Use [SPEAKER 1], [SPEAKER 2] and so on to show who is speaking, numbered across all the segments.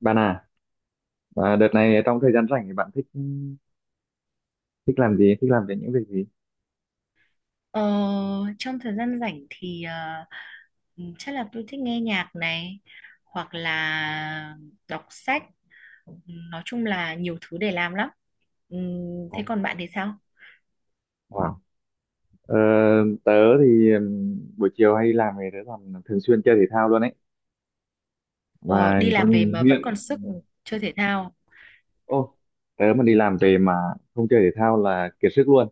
[SPEAKER 1] Bạn à, đợt này trong thời gian rảnh thì bạn thích thích làm gì, thích làm về những việc gì?
[SPEAKER 2] Ờ, trong thời gian rảnh thì ừ, chắc là tôi thích nghe nhạc này hoặc là đọc sách. Ừ, nói chung là nhiều thứ để làm lắm. Ừ, thế
[SPEAKER 1] Ồ,
[SPEAKER 2] còn bạn thì sao?
[SPEAKER 1] wow. Ờ, Tớ thì buổi chiều hay làm thì tớ còn thường xuyên chơi thể thao luôn ấy.
[SPEAKER 2] Ủa,
[SPEAKER 1] Và
[SPEAKER 2] đi
[SPEAKER 1] có
[SPEAKER 2] làm về mà vẫn
[SPEAKER 1] nghiện.
[SPEAKER 2] còn sức chơi thể thao.
[SPEAKER 1] Ô, tớ mà đi làm về mà không chơi thể thao là kiệt sức luôn.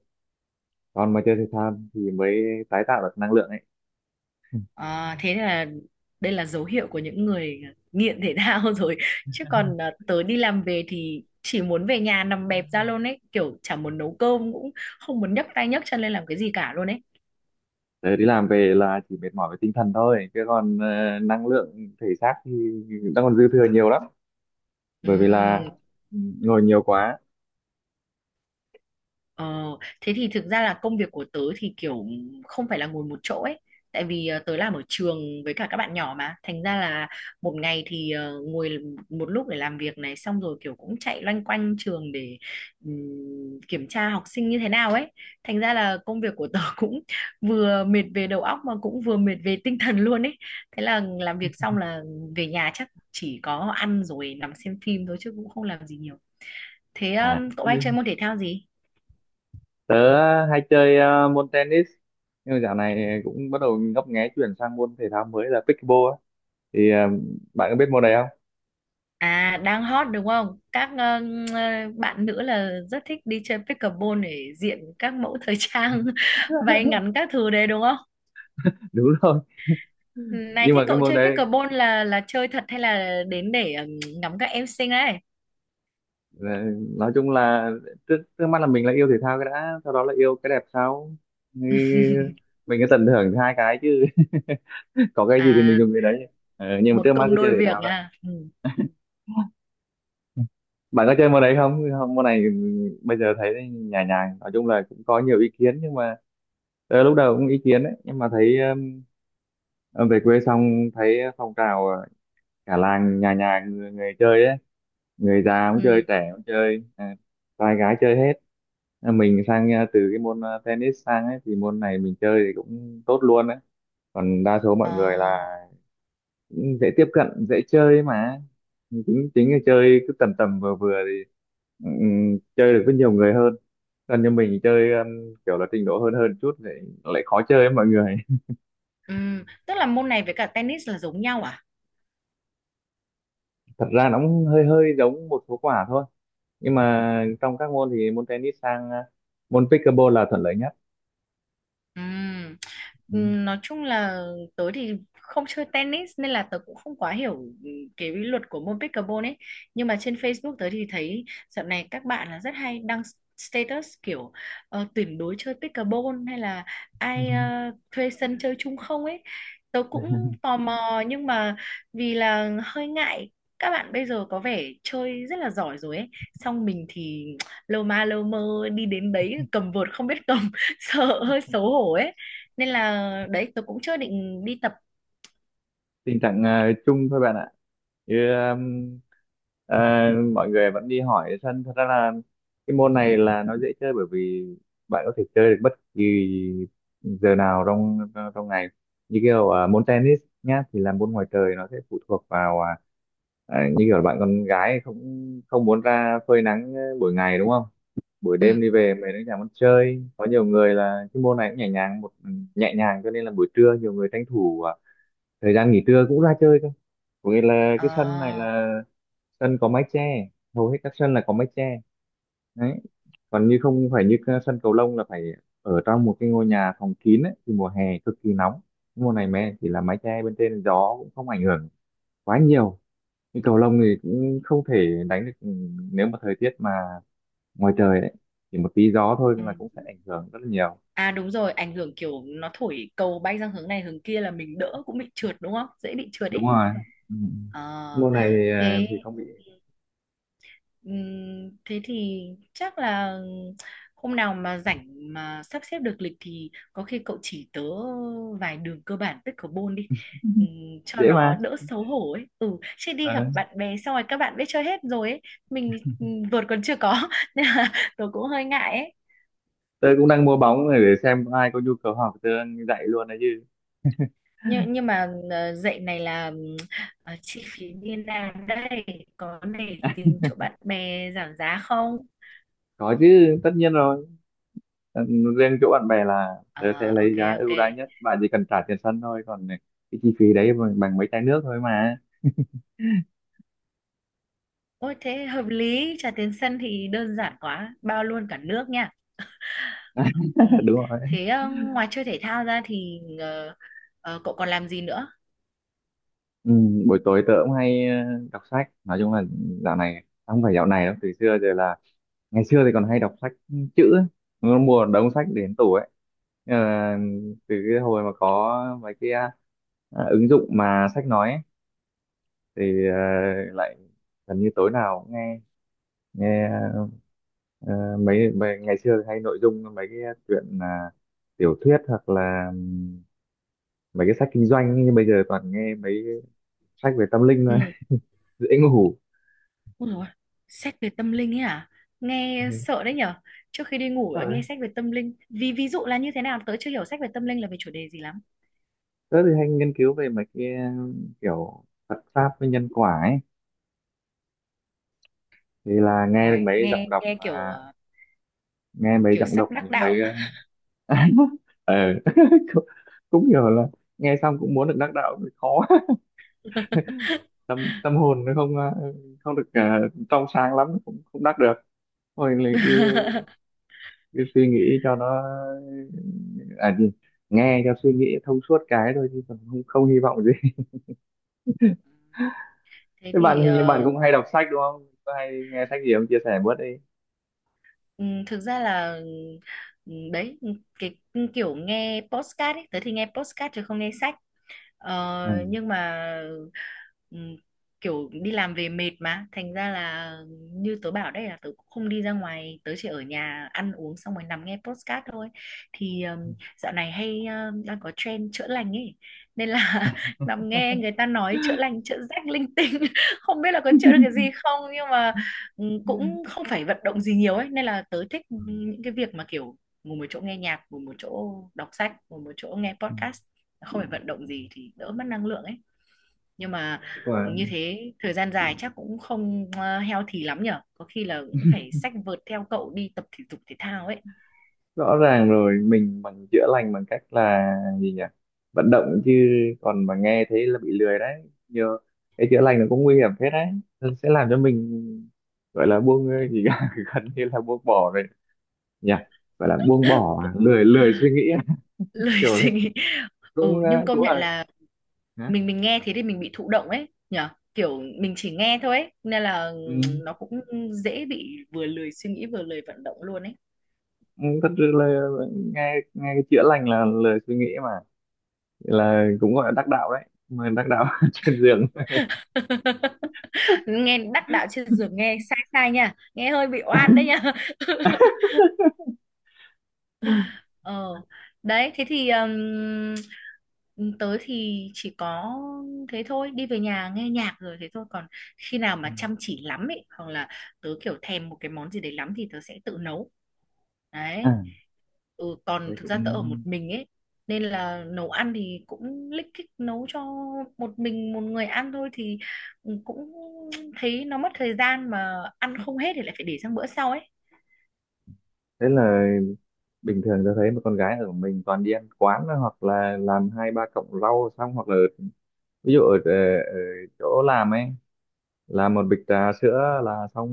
[SPEAKER 1] Còn mà chơi thể thao thì mới tái tạo được năng lượng ấy.
[SPEAKER 2] Ờ, thế là đây là dấu hiệu của những người nghiện thể thao rồi. Chứ còn tớ đi làm về thì chỉ muốn về nhà nằm bẹp ra luôn ấy, kiểu chả muốn nấu cơm cũng không muốn nhấc tay nhấc chân lên làm cái gì cả luôn ấy.
[SPEAKER 1] Tớ đi làm về là chỉ mệt mỏi về tinh thần thôi, chứ còn năng lượng thể xác thì đang còn dư thừa nhiều lắm. Bởi vì là
[SPEAKER 2] Ừ.
[SPEAKER 1] ngồi nhiều quá.
[SPEAKER 2] Ờ, thế thì thực ra là công việc của tớ thì kiểu không phải là ngồi một chỗ ấy. Tại vì tớ làm ở trường với cả các bạn nhỏ mà. Thành ra là một ngày thì ngồi một lúc để làm việc này xong rồi kiểu cũng chạy loanh quanh trường để ừm, kiểm tra học sinh như thế nào ấy. Thành ra là công việc của tớ cũng vừa mệt về đầu óc mà cũng vừa mệt về tinh thần luôn ấy. Thế là làm việc xong là về nhà chắc chỉ có ăn rồi nằm xem phim thôi chứ cũng không làm gì nhiều. Thế
[SPEAKER 1] À,
[SPEAKER 2] cậu hay chơi môn thể thao gì?
[SPEAKER 1] tớ hay chơi môn tennis nhưng mà dạo này cũng bắt đầu ngấp nghé chuyển sang môn thể thao mới là pickleball á. thì ờ, bạn có biết môn này không?
[SPEAKER 2] À, đang hot đúng không? Các ờ, bạn nữ là rất thích đi chơi pickleball để diện các mẫu thời trang váy ngắn các thứ đấy đúng không?
[SPEAKER 1] Đúng rồi,
[SPEAKER 2] Ừ, này
[SPEAKER 1] nhưng
[SPEAKER 2] thế
[SPEAKER 1] mà cái
[SPEAKER 2] cậu
[SPEAKER 1] môn
[SPEAKER 2] chơi
[SPEAKER 1] đấy,
[SPEAKER 2] pickleball là chơi thật hay là đến để ngắm các em xinh đấy?
[SPEAKER 1] ờ, nói chung là trước trước mắt là mình là yêu thể thao cái đã, sau đó là yêu cái đẹp, sau thì mình cứ tận hưởng hai cái chứ, có cái gì thì mình
[SPEAKER 2] À,
[SPEAKER 1] dùng cái đấy. Ờ, nhưng mà trước
[SPEAKER 2] một
[SPEAKER 1] mắt
[SPEAKER 2] công
[SPEAKER 1] cứ chơi
[SPEAKER 2] đôi
[SPEAKER 1] thể
[SPEAKER 2] việc
[SPEAKER 1] thao đã.
[SPEAKER 2] nha. Ừ.
[SPEAKER 1] Bạn có chơi môn đấy không? Môn này bây giờ thấy nhàn nhàn, nói chung là cũng có nhiều ý kiến nhưng mà lúc đầu cũng ý kiến đấy nhưng mà thấy ờ, về quê xong thấy phong trào, cả làng nhà nhà người chơi ấy, người già cũng chơi,
[SPEAKER 2] Ừ.
[SPEAKER 1] trẻ cũng chơi, trai gái chơi hết. À, mình sang từ cái môn tennis sang ấy thì môn này mình chơi thì cũng tốt luôn ấy, còn đa số mọi người
[SPEAKER 2] Ờ,
[SPEAKER 1] là cũng dễ tiếp cận dễ chơi mà, chính chính là chơi cứ tầm tầm vừa vừa thì chơi được với nhiều người hơn, còn như mình chơi kiểu là trình độ hơn hơn chút thì lại khó chơi với mọi người.
[SPEAKER 2] ừ. Tức là môn này với cả tennis là giống nhau à?
[SPEAKER 1] Thật ra nó cũng hơi hơi giống một số quả thôi, nhưng mà trong các môn thì môn tennis sang môn pickleball là thuận lợi nhất.
[SPEAKER 2] Ừm, Nói chung là tớ thì không chơi tennis nên là tớ cũng không quá hiểu cái luật của môn pickleball ấy. Nhưng mà trên Facebook tớ thì thấy dạo này các bạn là rất hay đăng status kiểu tuyển đối chơi pickleball hay là
[SPEAKER 1] Ừ.
[SPEAKER 2] ai thuê sân chơi chung không ấy. Tớ cũng tò mò nhưng mà vì là hơi ngại các bạn bây giờ có vẻ chơi rất là giỏi rồi ấy. Xong mình thì lâu ma lâu mơ đi đến đấy cầm vợt không biết cầm. Sợ hơi xấu hổ ấy nên là đấy tôi cũng chưa định đi tập
[SPEAKER 1] Tình trạng chung thôi bạn ạ. như um, ờ, Mọi người vẫn đi hỏi sân. Thật ra là cái môn này là nó dễ chơi, bởi vì bạn có thể chơi được bất kỳ giờ nào trong trong ngày. Như kiểu môn tennis nhá thì là môn ngoài trời, nó sẽ phụ thuộc vào như kiểu là bạn con gái không không muốn ra phơi nắng buổi ngày đúng không, buổi đêm
[SPEAKER 2] ừ.
[SPEAKER 1] đi về mình cũng chẳng muốn chơi, có nhiều người là cái môn này cũng nhẹ nhàng, nhẹ nhàng, cho nên là buổi trưa nhiều người tranh thủ thời gian nghỉ trưa cũng ra chơi thôi. Có nghĩa là cái sân này
[SPEAKER 2] À,
[SPEAKER 1] là sân có mái che, hầu hết các sân là có mái che đấy. Còn như không phải như cái sân cầu lông là phải ở trong một cái ngôi nhà phòng kín ấy, thì mùa hè cực kỳ nóng. Mùa này mẹ chỉ là mái che bên trên, gió cũng không ảnh hưởng quá nhiều. Nhưng cầu lông thì cũng không thể đánh được, nếu mà thời tiết mà ngoài trời ấy, chỉ một tí gió thôi
[SPEAKER 2] ừ.
[SPEAKER 1] là cũng sẽ ảnh hưởng rất là nhiều.
[SPEAKER 2] À, đúng rồi, ảnh hưởng kiểu nó thổi cầu bay sang hướng này hướng kia là mình đỡ cũng bị trượt đúng không, dễ bị trượt
[SPEAKER 1] Đúng
[SPEAKER 2] ấy.
[SPEAKER 1] rồi. Ừ.
[SPEAKER 2] Ờ,
[SPEAKER 1] Môn này thì
[SPEAKER 2] thế
[SPEAKER 1] thì không bị.
[SPEAKER 2] Thế thì chắc là hôm nào mà rảnh mà sắp xếp được lịch thì có khi cậu chỉ tớ vài đường cơ bản pickleball đi. Cho
[SPEAKER 1] Dễ
[SPEAKER 2] nó
[SPEAKER 1] mà.
[SPEAKER 2] đỡ xấu hổ ấy chứ đi gặp bạn bè xong rồi các bạn biết chơi hết rồi ấy. Mình thì vợt còn chưa có nên là tớ cũng hơi ngại ấy.
[SPEAKER 1] Tớ cũng đang mua bóng này để xem có ai có nhu cầu học tớ dạy luôn đấy chứ.
[SPEAKER 2] Nhưng mà dạy này là chi phí như nào đây, có để tìm chỗ bạn bè giảm giá không?
[SPEAKER 1] Có chứ, tất nhiên rồi. Ừ, riêng chỗ bạn bè là tớ sẽ
[SPEAKER 2] Ờ
[SPEAKER 1] lấy
[SPEAKER 2] ok,
[SPEAKER 1] giá
[SPEAKER 2] ok.
[SPEAKER 1] ưu đãi nhất, bạn chỉ cần trả tiền sân thôi, còn cái chi phí đấy bằng mấy chai nước thôi mà.
[SPEAKER 2] Ôi, thế hợp lý, trà tiến sân thì đơn giản quá, bao luôn cả nước nha. Ừ.
[SPEAKER 1] Đúng rồi.
[SPEAKER 2] Thế ngoài chơi thể thao ra thì cậu còn làm gì nữa?
[SPEAKER 1] Ừ, buổi tối tớ cũng hay đọc sách. Nói chung là dạo này, không phải dạo này đâu, từ xưa giờ là ngày xưa thì còn hay đọc sách chữ ấy, nó mua một đống sách đến tủ ấy. Ờ, từ cái hồi mà có mấy cái ứng dụng mà sách nói ấy, thì lại gần như tối nào cũng nghe nghe mấy ngày xưa hay nội dung mấy cái chuyện là tiểu thuyết, hoặc là mấy cái sách kinh doanh ấy, nhưng bây giờ toàn nghe mấy cái sách về tâm linh thôi.
[SPEAKER 2] Ừ.
[SPEAKER 1] Dễ ngủ.
[SPEAKER 2] Ôi dồi, ôi, sách về tâm linh ấy à? Nghe
[SPEAKER 1] Thế
[SPEAKER 2] sợ đấy nhở. Trước khi đi ngủ
[SPEAKER 1] rồi,
[SPEAKER 2] nghe sách về tâm linh. Vì ví dụ là như thế nào? Tớ chưa hiểu sách về tâm linh là về chủ đề gì lắm.
[SPEAKER 1] tớ thì hay nghiên cứu về mấy cái kiểu Phật pháp với nhân quả ấy, thì là nghe được
[SPEAKER 2] Ngoài
[SPEAKER 1] mấy
[SPEAKER 2] nghe
[SPEAKER 1] giọng đọc
[SPEAKER 2] nghe kiểu
[SPEAKER 1] nghe mấy
[SPEAKER 2] kiểu
[SPEAKER 1] giọng đọc
[SPEAKER 2] sắp đắc
[SPEAKER 1] những
[SPEAKER 2] đạo.
[SPEAKER 1] mấy ờ cũng, cũng hiểu là nghe xong cũng muốn được đắc đạo thì khó. Tâm Tâm hồn nó không không được trong sáng lắm cũng không đắc được. Thôi lại cứ suy nghĩ cho nó à gì nghe cho suy nghĩ thông suốt cái thôi, chứ còn không không hy vọng gì.
[SPEAKER 2] Thế
[SPEAKER 1] Thế bạn,
[SPEAKER 2] thì
[SPEAKER 1] hình như bạn
[SPEAKER 2] ờ,
[SPEAKER 1] cũng hay đọc sách đúng không, có hay nghe sách gì không, chia sẻ bớt đi.
[SPEAKER 2] Ừ, thực ra là đấy cái kiểu nghe podcast ấy tớ thì nghe podcast chứ không nghe sách. Ờ,
[SPEAKER 1] Ừ.
[SPEAKER 2] nhưng mà ừm, kiểu đi làm về mệt mà thành ra là như tớ bảo, đây là tớ cũng không đi ra ngoài, tớ chỉ ở nhà ăn uống xong rồi nằm nghe podcast thôi thì dạo này hay đang có trend chữa lành ấy nên là nằm nghe người ta nói chữa lành chữa rách linh tinh. Không biết là có chữa được cái gì không nhưng mà cũng không phải vận động gì nhiều ấy nên là tớ thích
[SPEAKER 1] Ừ.
[SPEAKER 2] những cái việc mà kiểu ngồi một chỗ nghe nhạc, ngồi một chỗ đọc sách, ngồi một chỗ nghe
[SPEAKER 1] Ừ.
[SPEAKER 2] podcast, không phải vận động gì thì đỡ mất năng lượng ấy. Nhưng mà như
[SPEAKER 1] Wow.
[SPEAKER 2] thế thời gian dài chắc cũng không healthy lắm nhở, có khi là cũng phải xách vợt theo cậu đi tập thể dục thể thao ấy.
[SPEAKER 1] Rõ ràng rồi, mình bằng chữa lành bằng cách là gì nhỉ, vận động chứ. Còn mà nghe thấy là bị lười đấy nhờ. Cái chữa lành nó cũng nguy hiểm phết đấy, nó sẽ làm cho mình gọi là buông gì cả, gần như là buông bỏ rồi nhỉ. Gọi là buông bỏ à? Lười, lười suy nghĩ à?
[SPEAKER 2] Lời
[SPEAKER 1] Kiểu
[SPEAKER 2] suy
[SPEAKER 1] đấy
[SPEAKER 2] nghĩ.
[SPEAKER 1] cũng
[SPEAKER 2] ừ nhưng công
[SPEAKER 1] cũng
[SPEAKER 2] nhận
[SPEAKER 1] là
[SPEAKER 2] là
[SPEAKER 1] hả?
[SPEAKER 2] mình nghe thế thì mình bị thụ động ấy nhở, kiểu mình chỉ nghe thôi ấy, nên là
[SPEAKER 1] Ừ.
[SPEAKER 2] nó cũng dễ bị vừa lười suy nghĩ vừa lười vận động luôn ấy.
[SPEAKER 1] Ừ, thật sự là nghe nghe cái chữa lành là lười suy nghĩ mà, là cũng gọi là đắc đạo đấy, mà đắc đạo trên giường.
[SPEAKER 2] Nghe đắc đạo trên giường nghe sai sai nha, nghe hơi bị oan đấy nha. Ờ, Đấy, thế thì tớ thì chỉ có thế thôi, đi về nhà nghe nhạc rồi thế thôi. Còn khi nào
[SPEAKER 1] Ừ.
[SPEAKER 2] mà chăm chỉ lắm ấy, hoặc là tớ kiểu thèm một cái món gì đấy lắm thì tớ sẽ tự nấu.
[SPEAKER 1] À,
[SPEAKER 2] Đấy. Ừ,
[SPEAKER 1] thế
[SPEAKER 2] còn thực
[SPEAKER 1] cũng,
[SPEAKER 2] ra tớ ở một mình ấy, nên là nấu ăn thì cũng lích kích nấu cho một mình một người ăn thôi thì cũng thấy nó mất thời gian mà ăn không hết thì lại phải để sang bữa sau ấy.
[SPEAKER 1] thế là bình thường tôi thấy một con gái ở mình toàn đi ăn quán thôi, hoặc là làm hai ba cọng rau xong, hoặc là ví dụ ở chỗ làm ấy làm một bịch trà sữa là xong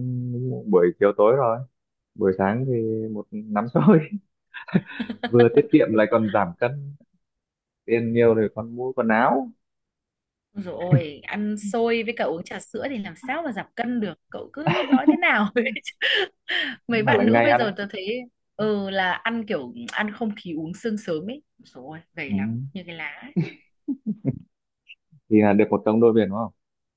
[SPEAKER 1] buổi chiều tối rồi, buổi sáng thì một nắm xôi. Vừa tiết kiệm lại còn giảm cân, tiền nhiều thì còn mua quần áo,
[SPEAKER 2] Rồi ăn xôi với cả uống trà sữa thì làm sao mà giảm cân được, cậu cứ nói thế nào ấy. Mấy
[SPEAKER 1] mà là
[SPEAKER 2] bạn nữ
[SPEAKER 1] ngày
[SPEAKER 2] bây
[SPEAKER 1] ăn ấy.
[SPEAKER 2] giờ tớ thấy là ăn kiểu ăn không khí uống sương sớm ấy rồi
[SPEAKER 1] Ừ.
[SPEAKER 2] gầy lắm như cái lá ấy.
[SPEAKER 1] Thì là được một công đôi biển đúng không,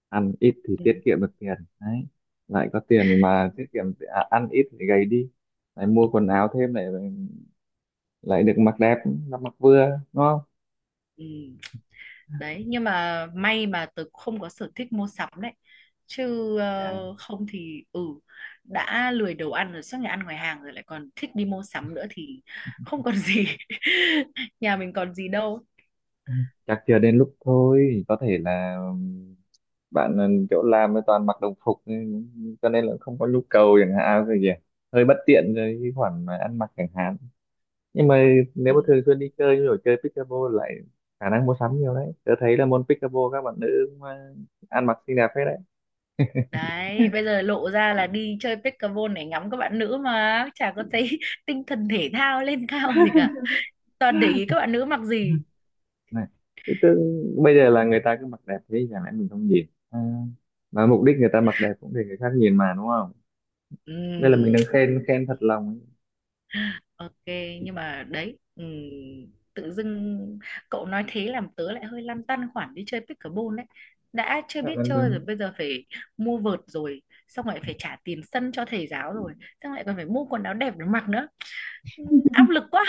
[SPEAKER 1] ăn ít thì
[SPEAKER 2] Ừ,
[SPEAKER 1] tiết kiệm được tiền đấy, lại có tiền mà tiết kiệm, ăn ít thì gầy đi, lại mua quần áo thêm, lại lại được mặc đẹp, mặc mặc vừa, đúng không?
[SPEAKER 2] ừ. Đấy nhưng mà may mà tớ không có sở thích mua sắm đấy, chứ
[SPEAKER 1] Dạ,
[SPEAKER 2] không thì đã lười đầu ăn rồi suốt ngày ăn ngoài hàng rồi lại còn thích đi mua sắm nữa thì không còn gì nhà mình còn gì đâu.
[SPEAKER 1] chắc chưa đến lúc thôi, có thể là bạn chỗ làm thì toàn mặc đồng phục nên- cho nên là không có nhu cầu chẳng hạn, cái gì hơi bất tiện rồi cái khoản mà ăn mặc chẳng hạn. Nhưng mà nếu
[SPEAKER 2] Ừ.
[SPEAKER 1] mà thường xuyên đi chơi như kiểu chơi pickleball, lại khả năng mua sắm nhiều đấy. Tớ thấy là môn pickleball các bạn nữ cũng ăn mặc xinh đẹp hết đấy.
[SPEAKER 2] Đấy, bây giờ lộ ra là đi chơi pickleball để ngắm các bạn nữ mà chả có thấy tinh thần thể thao lên cao gì cả. Toàn để ý các bạn nữ mặc gì.
[SPEAKER 1] Này, tự dưng bây giờ là người ta cứ mặc đẹp thế, chẳng lẽ mình không nhìn à, mà mục đích người ta mặc đẹp cũng để người khác nhìn mà, đúng không? Đây là mình
[SPEAKER 2] Ừm,
[SPEAKER 1] đang khen, khen thật lòng.
[SPEAKER 2] ok, nhưng mà đấy, tự dưng cậu nói thế làm tớ lại hơi lăn tăn khoản đi chơi pickleball đấy. Đã chưa
[SPEAKER 1] Cảm
[SPEAKER 2] biết
[SPEAKER 1] ơn
[SPEAKER 2] chơi rồi,
[SPEAKER 1] em.
[SPEAKER 2] bây giờ phải mua vợt rồi, xong lại phải trả tiền sân cho thầy giáo rồi, xong lại còn phải mua quần áo đẹp để mặc nữa. Áp lực quá.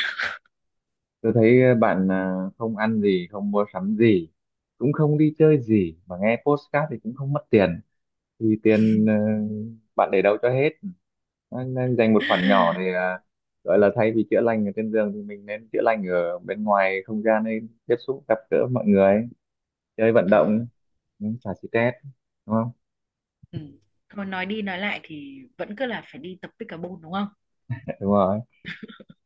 [SPEAKER 1] Tôi thấy bạn à, không ăn gì, không mua sắm gì, cũng không đi chơi gì mà nghe podcast thì cũng không mất tiền. Thì tiền bạn để đâu cho hết. Nên dành một khoản nhỏ để gọi là thay vì chữa lành ở trên giường thì mình nên chữa lành ở bên ngoài không gian, nên tiếp xúc gặp gỡ mọi người, chơi vận
[SPEAKER 2] Ừm.
[SPEAKER 1] động, ừ, xả stress, đúng không?
[SPEAKER 2] Ừ. Thôi nói đi nói lại thì vẫn cứ là phải đi tập pickleball đúng không?
[SPEAKER 1] Dạ, đúng rồi.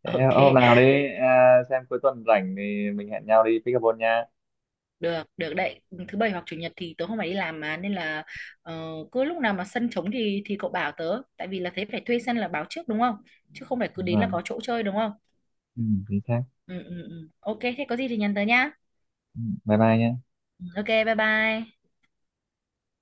[SPEAKER 1] Thế
[SPEAKER 2] Ok,
[SPEAKER 1] hôm nào đi xem cuối tuần rảnh thì mình hẹn nhau đi pickleball nha.
[SPEAKER 2] được, được đấy. Thứ bảy hoặc chủ nhật thì tớ không phải đi làm mà nên là ờ, cứ lúc nào mà sân trống thì cậu bảo tớ, tại vì là thế phải thuê sân là báo trước đúng không? Chứ không phải cứ
[SPEAKER 1] Đúng
[SPEAKER 2] đến là
[SPEAKER 1] rồi.
[SPEAKER 2] có chỗ chơi đúng không?
[SPEAKER 1] Ừ, chính xác.
[SPEAKER 2] Ừ, ừ, ừ. Ok, thế có gì thì nhắn tớ nhá.
[SPEAKER 1] Bye bye nhé.
[SPEAKER 2] Ừ, ok, bye bye.